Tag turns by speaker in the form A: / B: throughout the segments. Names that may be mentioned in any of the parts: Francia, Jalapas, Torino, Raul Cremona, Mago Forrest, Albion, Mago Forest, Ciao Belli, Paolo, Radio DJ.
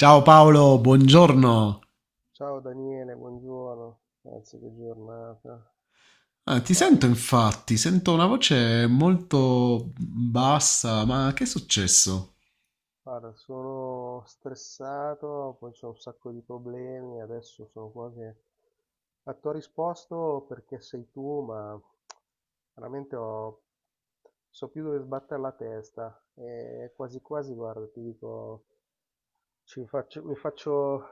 A: Ciao
B: Ah,
A: Paolo, buongiorno.
B: ciao Daniele, buongiorno, anzi che giornata.
A: Ah, ti sento
B: Guarda,
A: infatti, sento una voce molto bassa, ma che è successo?
B: guarda, sono stressato, poi c'ho un sacco di problemi, adesso sono quasi a tua risposto perché sei tu, ma veramente ho, so più dove sbattere la testa e quasi quasi, guarda, ti dico, ci faccio, mi faccio,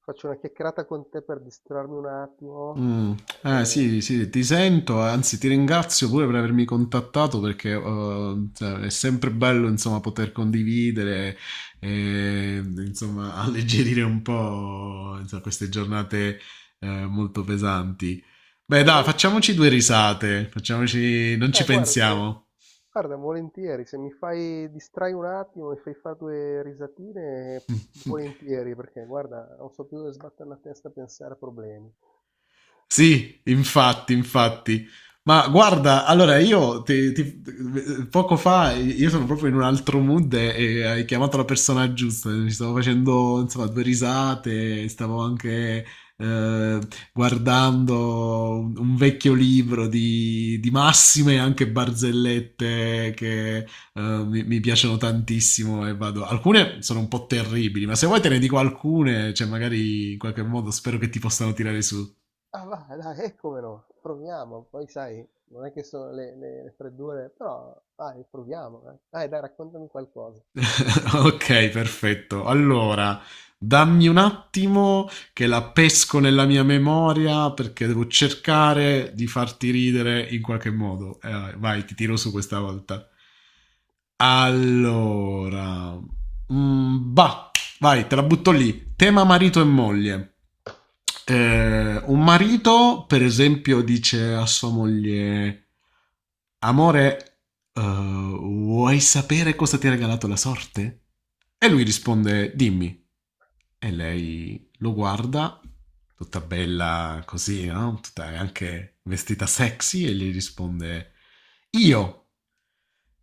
B: faccio una chiacchierata con te per distrarmi un attimo,
A: Mm.
B: e
A: Sì, sì, ti sento, anzi ti ringrazio pure per avermi contattato perché cioè, è sempre bello insomma poter condividere e insomma alleggerire un po' insomma, queste giornate molto pesanti. Beh, dai,
B: magari.
A: facciamoci due risate, facciamoci non ci
B: Ah, guarda, se.
A: pensiamo.
B: Guarda, volentieri, se mi fai distrai un attimo, mi fai fare due risatine, volentieri, perché guarda, non so più dove sbattere la testa a pensare a problemi.
A: Sì, infatti, infatti. Ma guarda, allora poco fa io sono proprio in un altro mood e hai chiamato la persona giusta. Ci stavo facendo insomma due risate, stavo anche eh, guardando un vecchio libro di massime e anche barzellette che mi piacciono tantissimo e vado. Alcune sono un po' terribili, ma se vuoi te ne dico alcune, cioè magari in qualche modo spero che ti possano tirare su.
B: Ah, va, dai, e come no, proviamo, poi sai, non è che sono le freddure, però dai, proviamo, eh. Dai, dai, raccontami qualcosa.
A: Ok, perfetto. Allora, dammi un attimo che la pesco nella mia memoria perché devo cercare di farti ridere in qualche modo. Vai, ti tiro su questa volta. Allora, bah. Vai, te la butto lì. Tema marito e moglie. Un marito, per esempio, dice a sua moglie: Amore, vuoi sapere cosa ti ha regalato la sorte? E lui risponde: Dimmi. E lei lo guarda, tutta bella così, no? Tutta anche vestita sexy, e gli risponde: Io.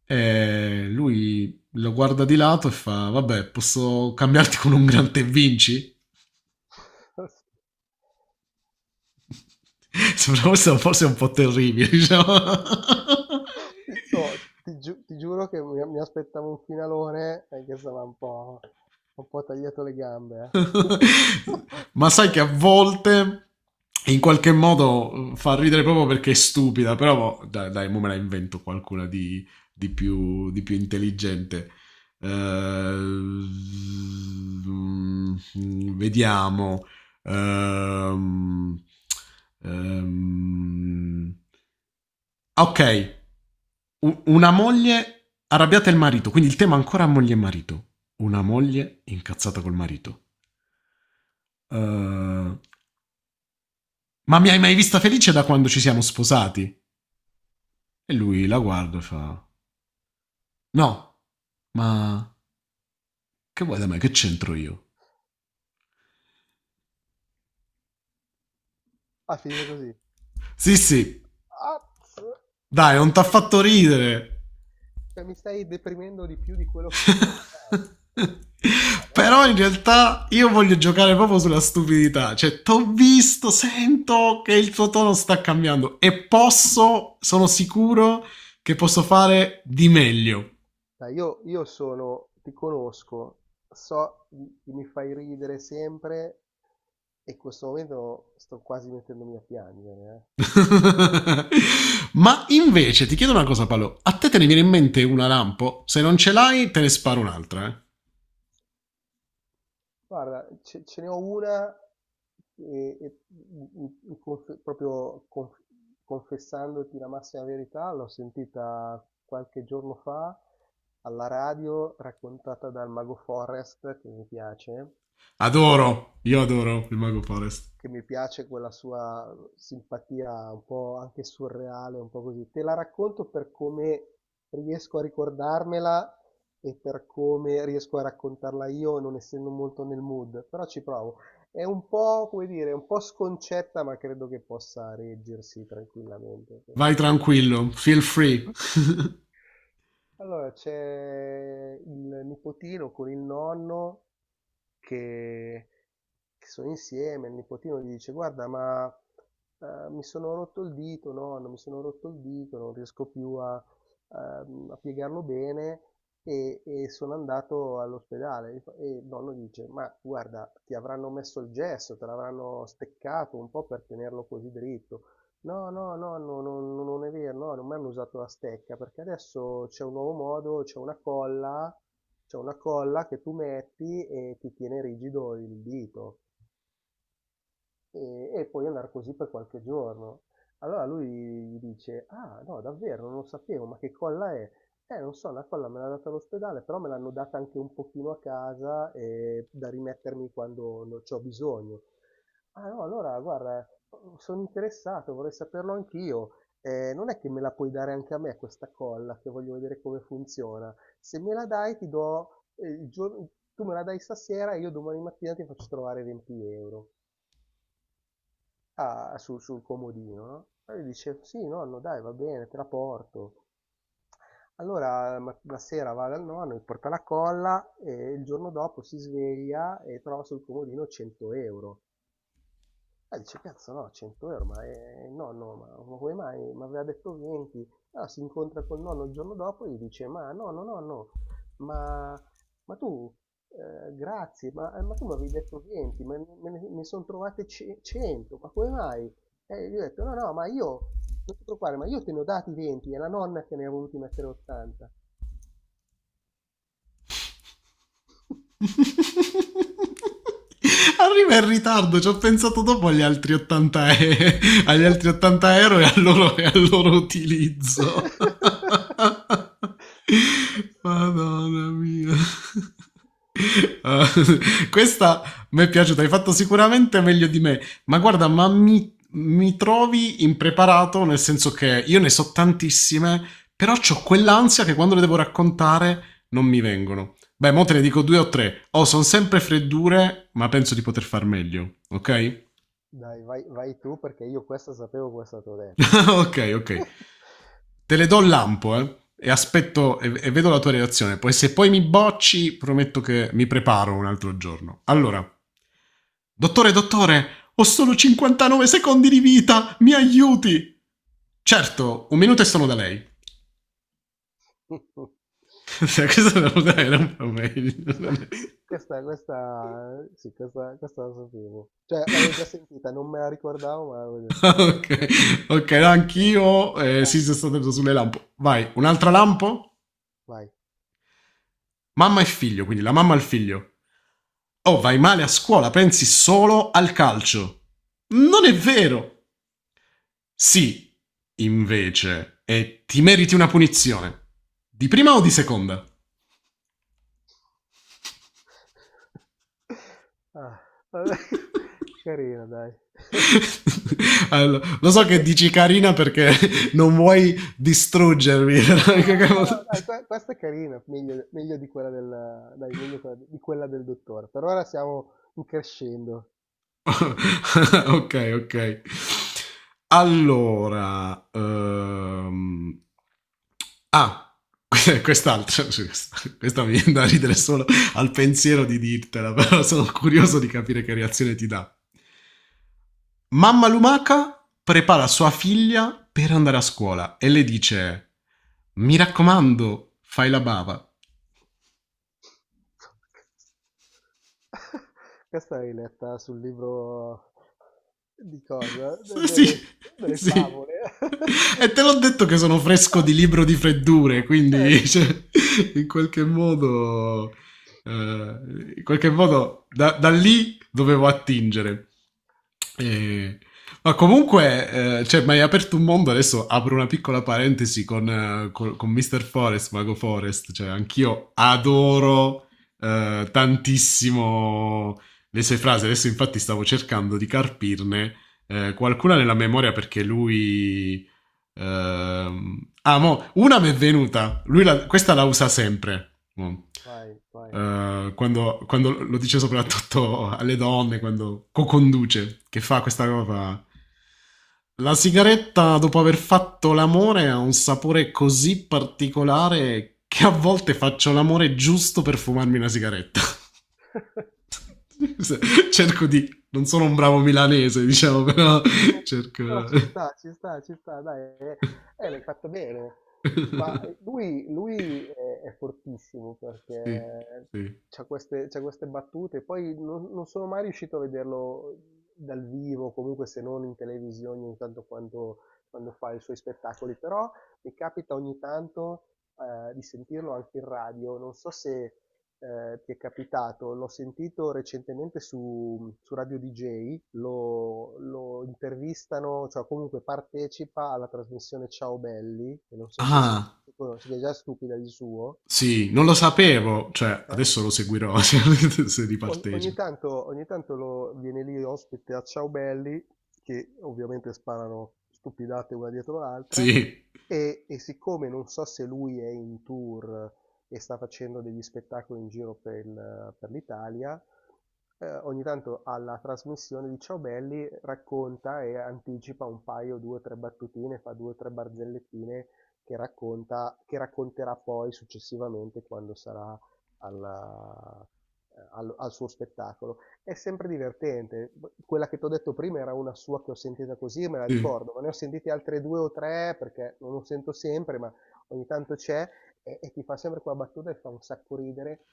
A: E lui lo guarda di lato e fa: Vabbè, posso cambiarti con un gran te vinci? Sembra forse, forse un po' terribile, diciamo.
B: Oh, ti, ti giuro che mi aspettavo un finalone, che stava un po' tagliato le gambe, eh.
A: Ma sai che a volte in qualche modo fa ridere proprio perché è stupida, però boh, dai, dai mo me la invento qualcuna di più intelligente. Eh, mm, vediamo. Ehm, ehm, ok, una moglie arrabbiata e il marito, quindi il tema ancora moglie e marito. Una moglie incazzata col marito. Eh, Ma mi hai mai vista felice da quando ci siamo sposati? E lui la guarda e fa: No, ma che vuoi da me? Che c'entro io?
B: Ah, finite così.
A: Sì, sì,
B: Azz!
A: dai, non t'ha fatto ridere.
B: Cioè, mi stai deprimendo di più di quello che sono già. Ma no,
A: Però in
B: dai.
A: realtà io voglio giocare proprio sulla stupidità. Cioè, t'ho visto, sento che il tuo tono sta cambiando e posso, sono sicuro che posso fare di meglio.
B: Dai, io sono, ti conosco, so che mi fai ridere sempre e in questo momento sto quasi mettendomi a piangere. Eh.
A: Ma invece ti chiedo una cosa, Paolo. A te te ne viene in mente una lampo? Se non ce l'hai, te ne sparo un'altra, eh.
B: Guarda, ce ne ho una e- in- in conf- proprio conf- confessandoti la massima verità, l'ho sentita qualche giorno fa alla radio raccontata dal Mago Forrest, che mi piace.
A: Adoro. Io adoro il Mago Forest.
B: che mi piace quella sua simpatia un po' anche surreale, un po' così. Te la racconto per come riesco a ricordarmela e per come riesco a raccontarla io, non essendo molto nel mood, però ci provo. È un po', come dire, un po' sconcetta, ma credo che possa reggersi tranquillamente.
A: Vai tranquillo, feel free.
B: Allora, c'è il nipotino con il nonno che che sono insieme, il nipotino gli dice: guarda, ma mi sono rotto il dito, nonno, mi sono rotto il dito, non riesco più a piegarlo bene. E sono andato all'ospedale. E il nonno dice: ma guarda, ti avranno messo il gesso, te l'avranno steccato un po' per tenerlo così dritto. No, no, no, no, no, no, non è vero, no, non mi hanno usato la stecca perché adesso c'è un nuovo modo, c'è una colla che tu metti e ti tiene rigido il dito e puoi andare così per qualche giorno. Allora lui gli dice, ah no, davvero, non lo sapevo, ma che colla è? Non so, la colla me l'ha data all'ospedale, però me l'hanno data anche un pochino a casa, da rimettermi quando ne ho bisogno. Ah no, allora guarda, sono interessato, vorrei saperlo anch'io. Non è che me la puoi dare anche a me questa colla, che voglio vedere come funziona. Se me la dai, ti do, tu me la dai stasera e io domani mattina ti faccio trovare 20 euro. Ah, sul comodino, no? E lui dice, sì, nonno, dai, va bene, te la porto. Allora la sera va dal nonno, gli porta la colla e il giorno dopo si sveglia e trova sul comodino 100 euro. Dice, cazzo no, 100 euro, ma nonno, ma come mai? Mi aveva detto 20. Allora si incontra col nonno il giorno dopo e gli dice, ma nonno, nonno, ma, ma tu, grazie, ma tu mi avevi detto 20, ma me ne sono trovate 100, ma come mai? E gli ho detto, no, no, ma io, non ti preoccupare, ma io te ne ho dati 20, è la nonna che ne ha voluti mettere 80.
A: Arriva in ritardo, ci ho pensato dopo agli agli altri 80 euro e al loro utilizzo. Madonna mia. Ah, questa mi è piaciuta, hai fatto sicuramente meglio di me, ma guarda, ma mi trovi impreparato nel senso che io ne so tantissime, però ho quell'ansia che quando le devo raccontare non mi vengono. Beh, mo te ne dico due o tre. Sono sempre freddure, ma penso di poter far meglio. Ok?
B: Dai, vai, vai tu perché io questa sapevo questa te l'ho detto, eh.
A: Ok, ok. Te le do il lampo, eh. E aspetto e vedo la tua reazione. Poi se poi mi bocci, prometto che mi preparo un altro giorno. Allora. Dottore, dottore, ho solo 59 secondi di vita, mi aiuti! Certo, un minuto e sono da lei. Questa era un po' meglio.
B: Questa, questa, sì, questa la sapevo. Cioè, l'avevo già sentita, non me la ricordavo, ma l'avevo già sentita.
A: Ok, ok, no,
B: Sì, sì, sì, sì,
A: anch'io.
B: dai,
A: Sì, sono stato preso sulle lampo. Vai, un'altra lampo?
B: vai.
A: Mamma e figlio, quindi la mamma al figlio. Oh, vai male a scuola, pensi solo al calcio. Non è vero. Sì, invece, e ti meriti una punizione. Di prima o di seconda?
B: Ah, vabbè, carina, dai.
A: Allora, lo so che dici carina perché non vuoi distruggermi.
B: No, no, no, dai, questa è carina, meglio, meglio di quella del, dai, meglio di quella del dottore. Per ora siamo in crescendo.
A: Ok, ok. Allora, ah, quest'altra, sì, questa mi viene da ridere solo al pensiero di dirtela, però sono curioso di capire che reazione ti dà. Mamma lumaca prepara sua figlia per andare a scuola e le dice: Mi raccomando, fai la bava.
B: Questa l'hai letta sul libro di cosa? De-
A: Sì,
B: delle, delle
A: sì.
B: favole.
A: E te l'ho detto che sono fresco di libro di freddure,
B: Eh,
A: quindi cioè, in qualche modo, in qualche modo da lì dovevo attingere. E- Ma comunque, cioè, mi hai aperto un mondo, adesso apro una piccola parentesi con, con Mr. Forest, Mago Forest, cioè anch'io adoro tantissimo le sue frasi, adesso infatti stavo cercando di carpirne qualcuna nella memoria perché lui mo, una mi è venuta. Questa la usa sempre. Mo.
B: vai, vai.
A: Quando lo dice soprattutto alle donne, quando co-conduce, che fa questa cosa fa, la sigaretta dopo aver fatto l'amore ha un sapore così particolare che a volte faccio l'amore giusto per fumarmi una sigaretta, cerco di Non sono un bravo milanese, diciamo, però
B: No, no,
A: cerco
B: però ci sta, ci sta, ci sta, dai, l'hai fatto bene. Ma lui è fortissimo
A: sì,
B: perché
A: sì.
B: c'ha queste battute, poi non sono mai riuscito a vederlo dal vivo, comunque se non in televisione ogni tanto quando, quando fa i suoi spettacoli, però mi capita ogni tanto, di sentirlo anche in radio, non so se, ti è capitato, l'ho sentito recentemente su Radio DJ, lo intervistano, cioè comunque partecipa alla trasmissione Ciao Belli, che non so se, se,
A: Ah,
B: se, se è già stupida di suo,
A: sì, non lo sapevo. Cioè,
B: eh?
A: adesso lo seguirò se, se
B: O- Ogni
A: ripartecipo.
B: tanto, ogni tanto viene lì ospite a Ciao Belli, che ovviamente sparano stupidate una dietro l'altra,
A: Sì,
B: e siccome non so se lui è in tour e sta facendo degli spettacoli in giro per l'Italia, ogni tanto alla trasmissione di Ciao Belli racconta e anticipa un paio, due o tre battutine, fa due o tre barzellettine che racconta, che racconterà poi successivamente quando sarà alla- al suo spettacolo. È sempre divertente. Quella che ti ho detto prima era una sua che ho sentita così, e me la
A: sì.
B: ricordo, ma ne ho sentite altre due o tre perché non lo sento sempre, ma ogni tanto c'è e ti fa sempre quella battuta e fa un sacco ridere.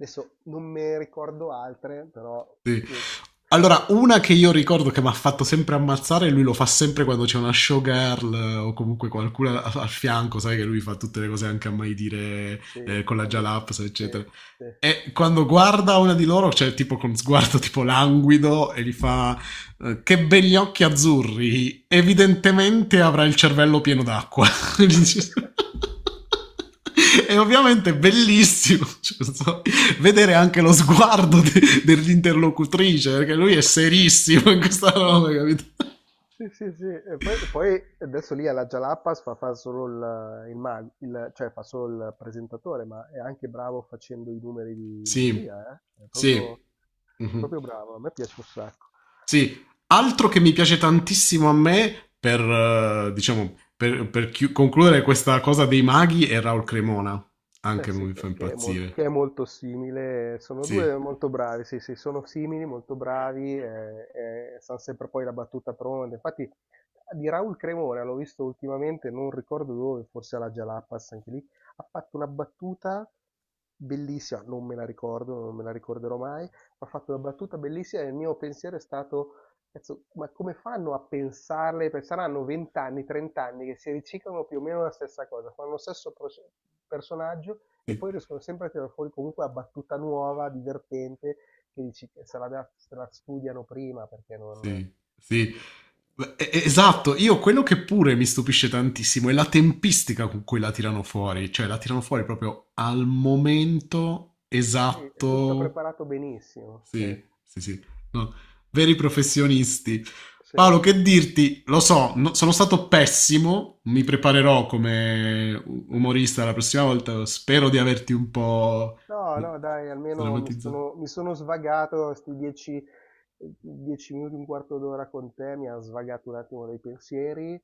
B: Adesso non me ricordo altre, però,
A: Sì.
B: sì, però è-
A: Allora, una che io ricordo che mi ha fatto sempre ammazzare, e lui lo fa sempre quando c'è una showgirl o comunque qualcuno a- al fianco, sai che lui fa tutte le cose anche a mai dire
B: sì,
A: con la
B: algo-
A: Jalaps,
B: sì,
A: eccetera.
B: sì.
A: E quando guarda una di loro, cioè tipo con sguardo tipo languido, e gli fa che begli occhi azzurri, evidentemente avrà il cervello pieno d'acqua. Gli dice- E ovviamente è bellissimo. Cioè, non so, vedere anche lo sguardo dell'interlocutrice, perché lui è serissimo in questa roba, capito?
B: Sì, sì, sì. E poi adesso lì alla Jalapas fa solo cioè fa solo il presentatore, ma è anche bravo facendo i numeri di
A: Sì,
B: magia, eh? È proprio,
A: sì, mhm.
B: proprio bravo, a me piace un sacco.
A: Sì. Altro che mi piace tantissimo a me, per, diciamo, per, concludere questa cosa dei maghi, è Raul Cremona.
B: Eh
A: Anche lui
B: sì,
A: mi fa
B: che, che è mol-
A: impazzire.
B: che è molto simile, sono
A: Sì,
B: due molto bravi, sì, sì, sono simili, molto bravi, sanno sempre poi la battuta pronta. Infatti di Raul Cremona, l'ho visto ultimamente, non ricordo dove, forse alla Jalapas, anche lì, ha fatto una battuta bellissima, non me la ricordo, non me la ricorderò mai, ma ha fatto una battuta bellissima e il mio pensiero è stato: "Cazzo, ma come fanno a pensarle? Perché saranno 20 anni, 30 anni che si riciclano più o meno la stessa cosa, fanno lo stesso personaggio e
A: sì.
B: poi riescono sempre a tirare fuori comunque la battuta nuova, divertente, che dici che se la studiano prima perché non."
A: Sì, sì. Eh,
B: Però,
A: Esatto, io quello che pure mi stupisce tantissimo è la tempistica con cui la tirano fuori, cioè la tirano fuori proprio al momento
B: sì, è tutto
A: esatto.
B: preparato benissimo. Sì,
A: Sì, sì, sì. No, veri professionisti.
B: sì.
A: Paolo, che dirti? Lo so, sono stato pessimo, mi preparerò come umorista la prossima volta, spero di averti un po'
B: No, no, dai, almeno mi
A: sdrammatizzato.
B: sono, mi sono svagato questi dieci minuti, un quarto d'ora con te, mi ha svagato un attimo dei pensieri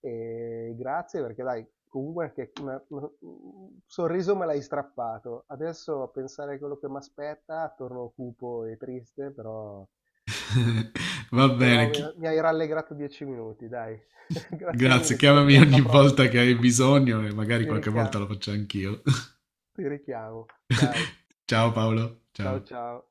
B: e grazie perché dai, comunque anche un sorriso me l'hai strappato. Adesso a pensare a quello che mi aspetta, torno cupo e triste, però,
A: Va
B: però
A: bene,
B: mi, mi hai rallegrato 10 minuti, dai. Grazie
A: Grazie,
B: mille, ci
A: chiamami
B: sentiamo
A: ogni
B: alla
A: volta
B: prossima.
A: che hai bisogno e magari
B: Ti
A: qualche volta
B: richiamo,
A: lo faccio anch'io.
B: ti richiamo, dai,
A: Ciao Paolo, ciao.
B: ciao ciao.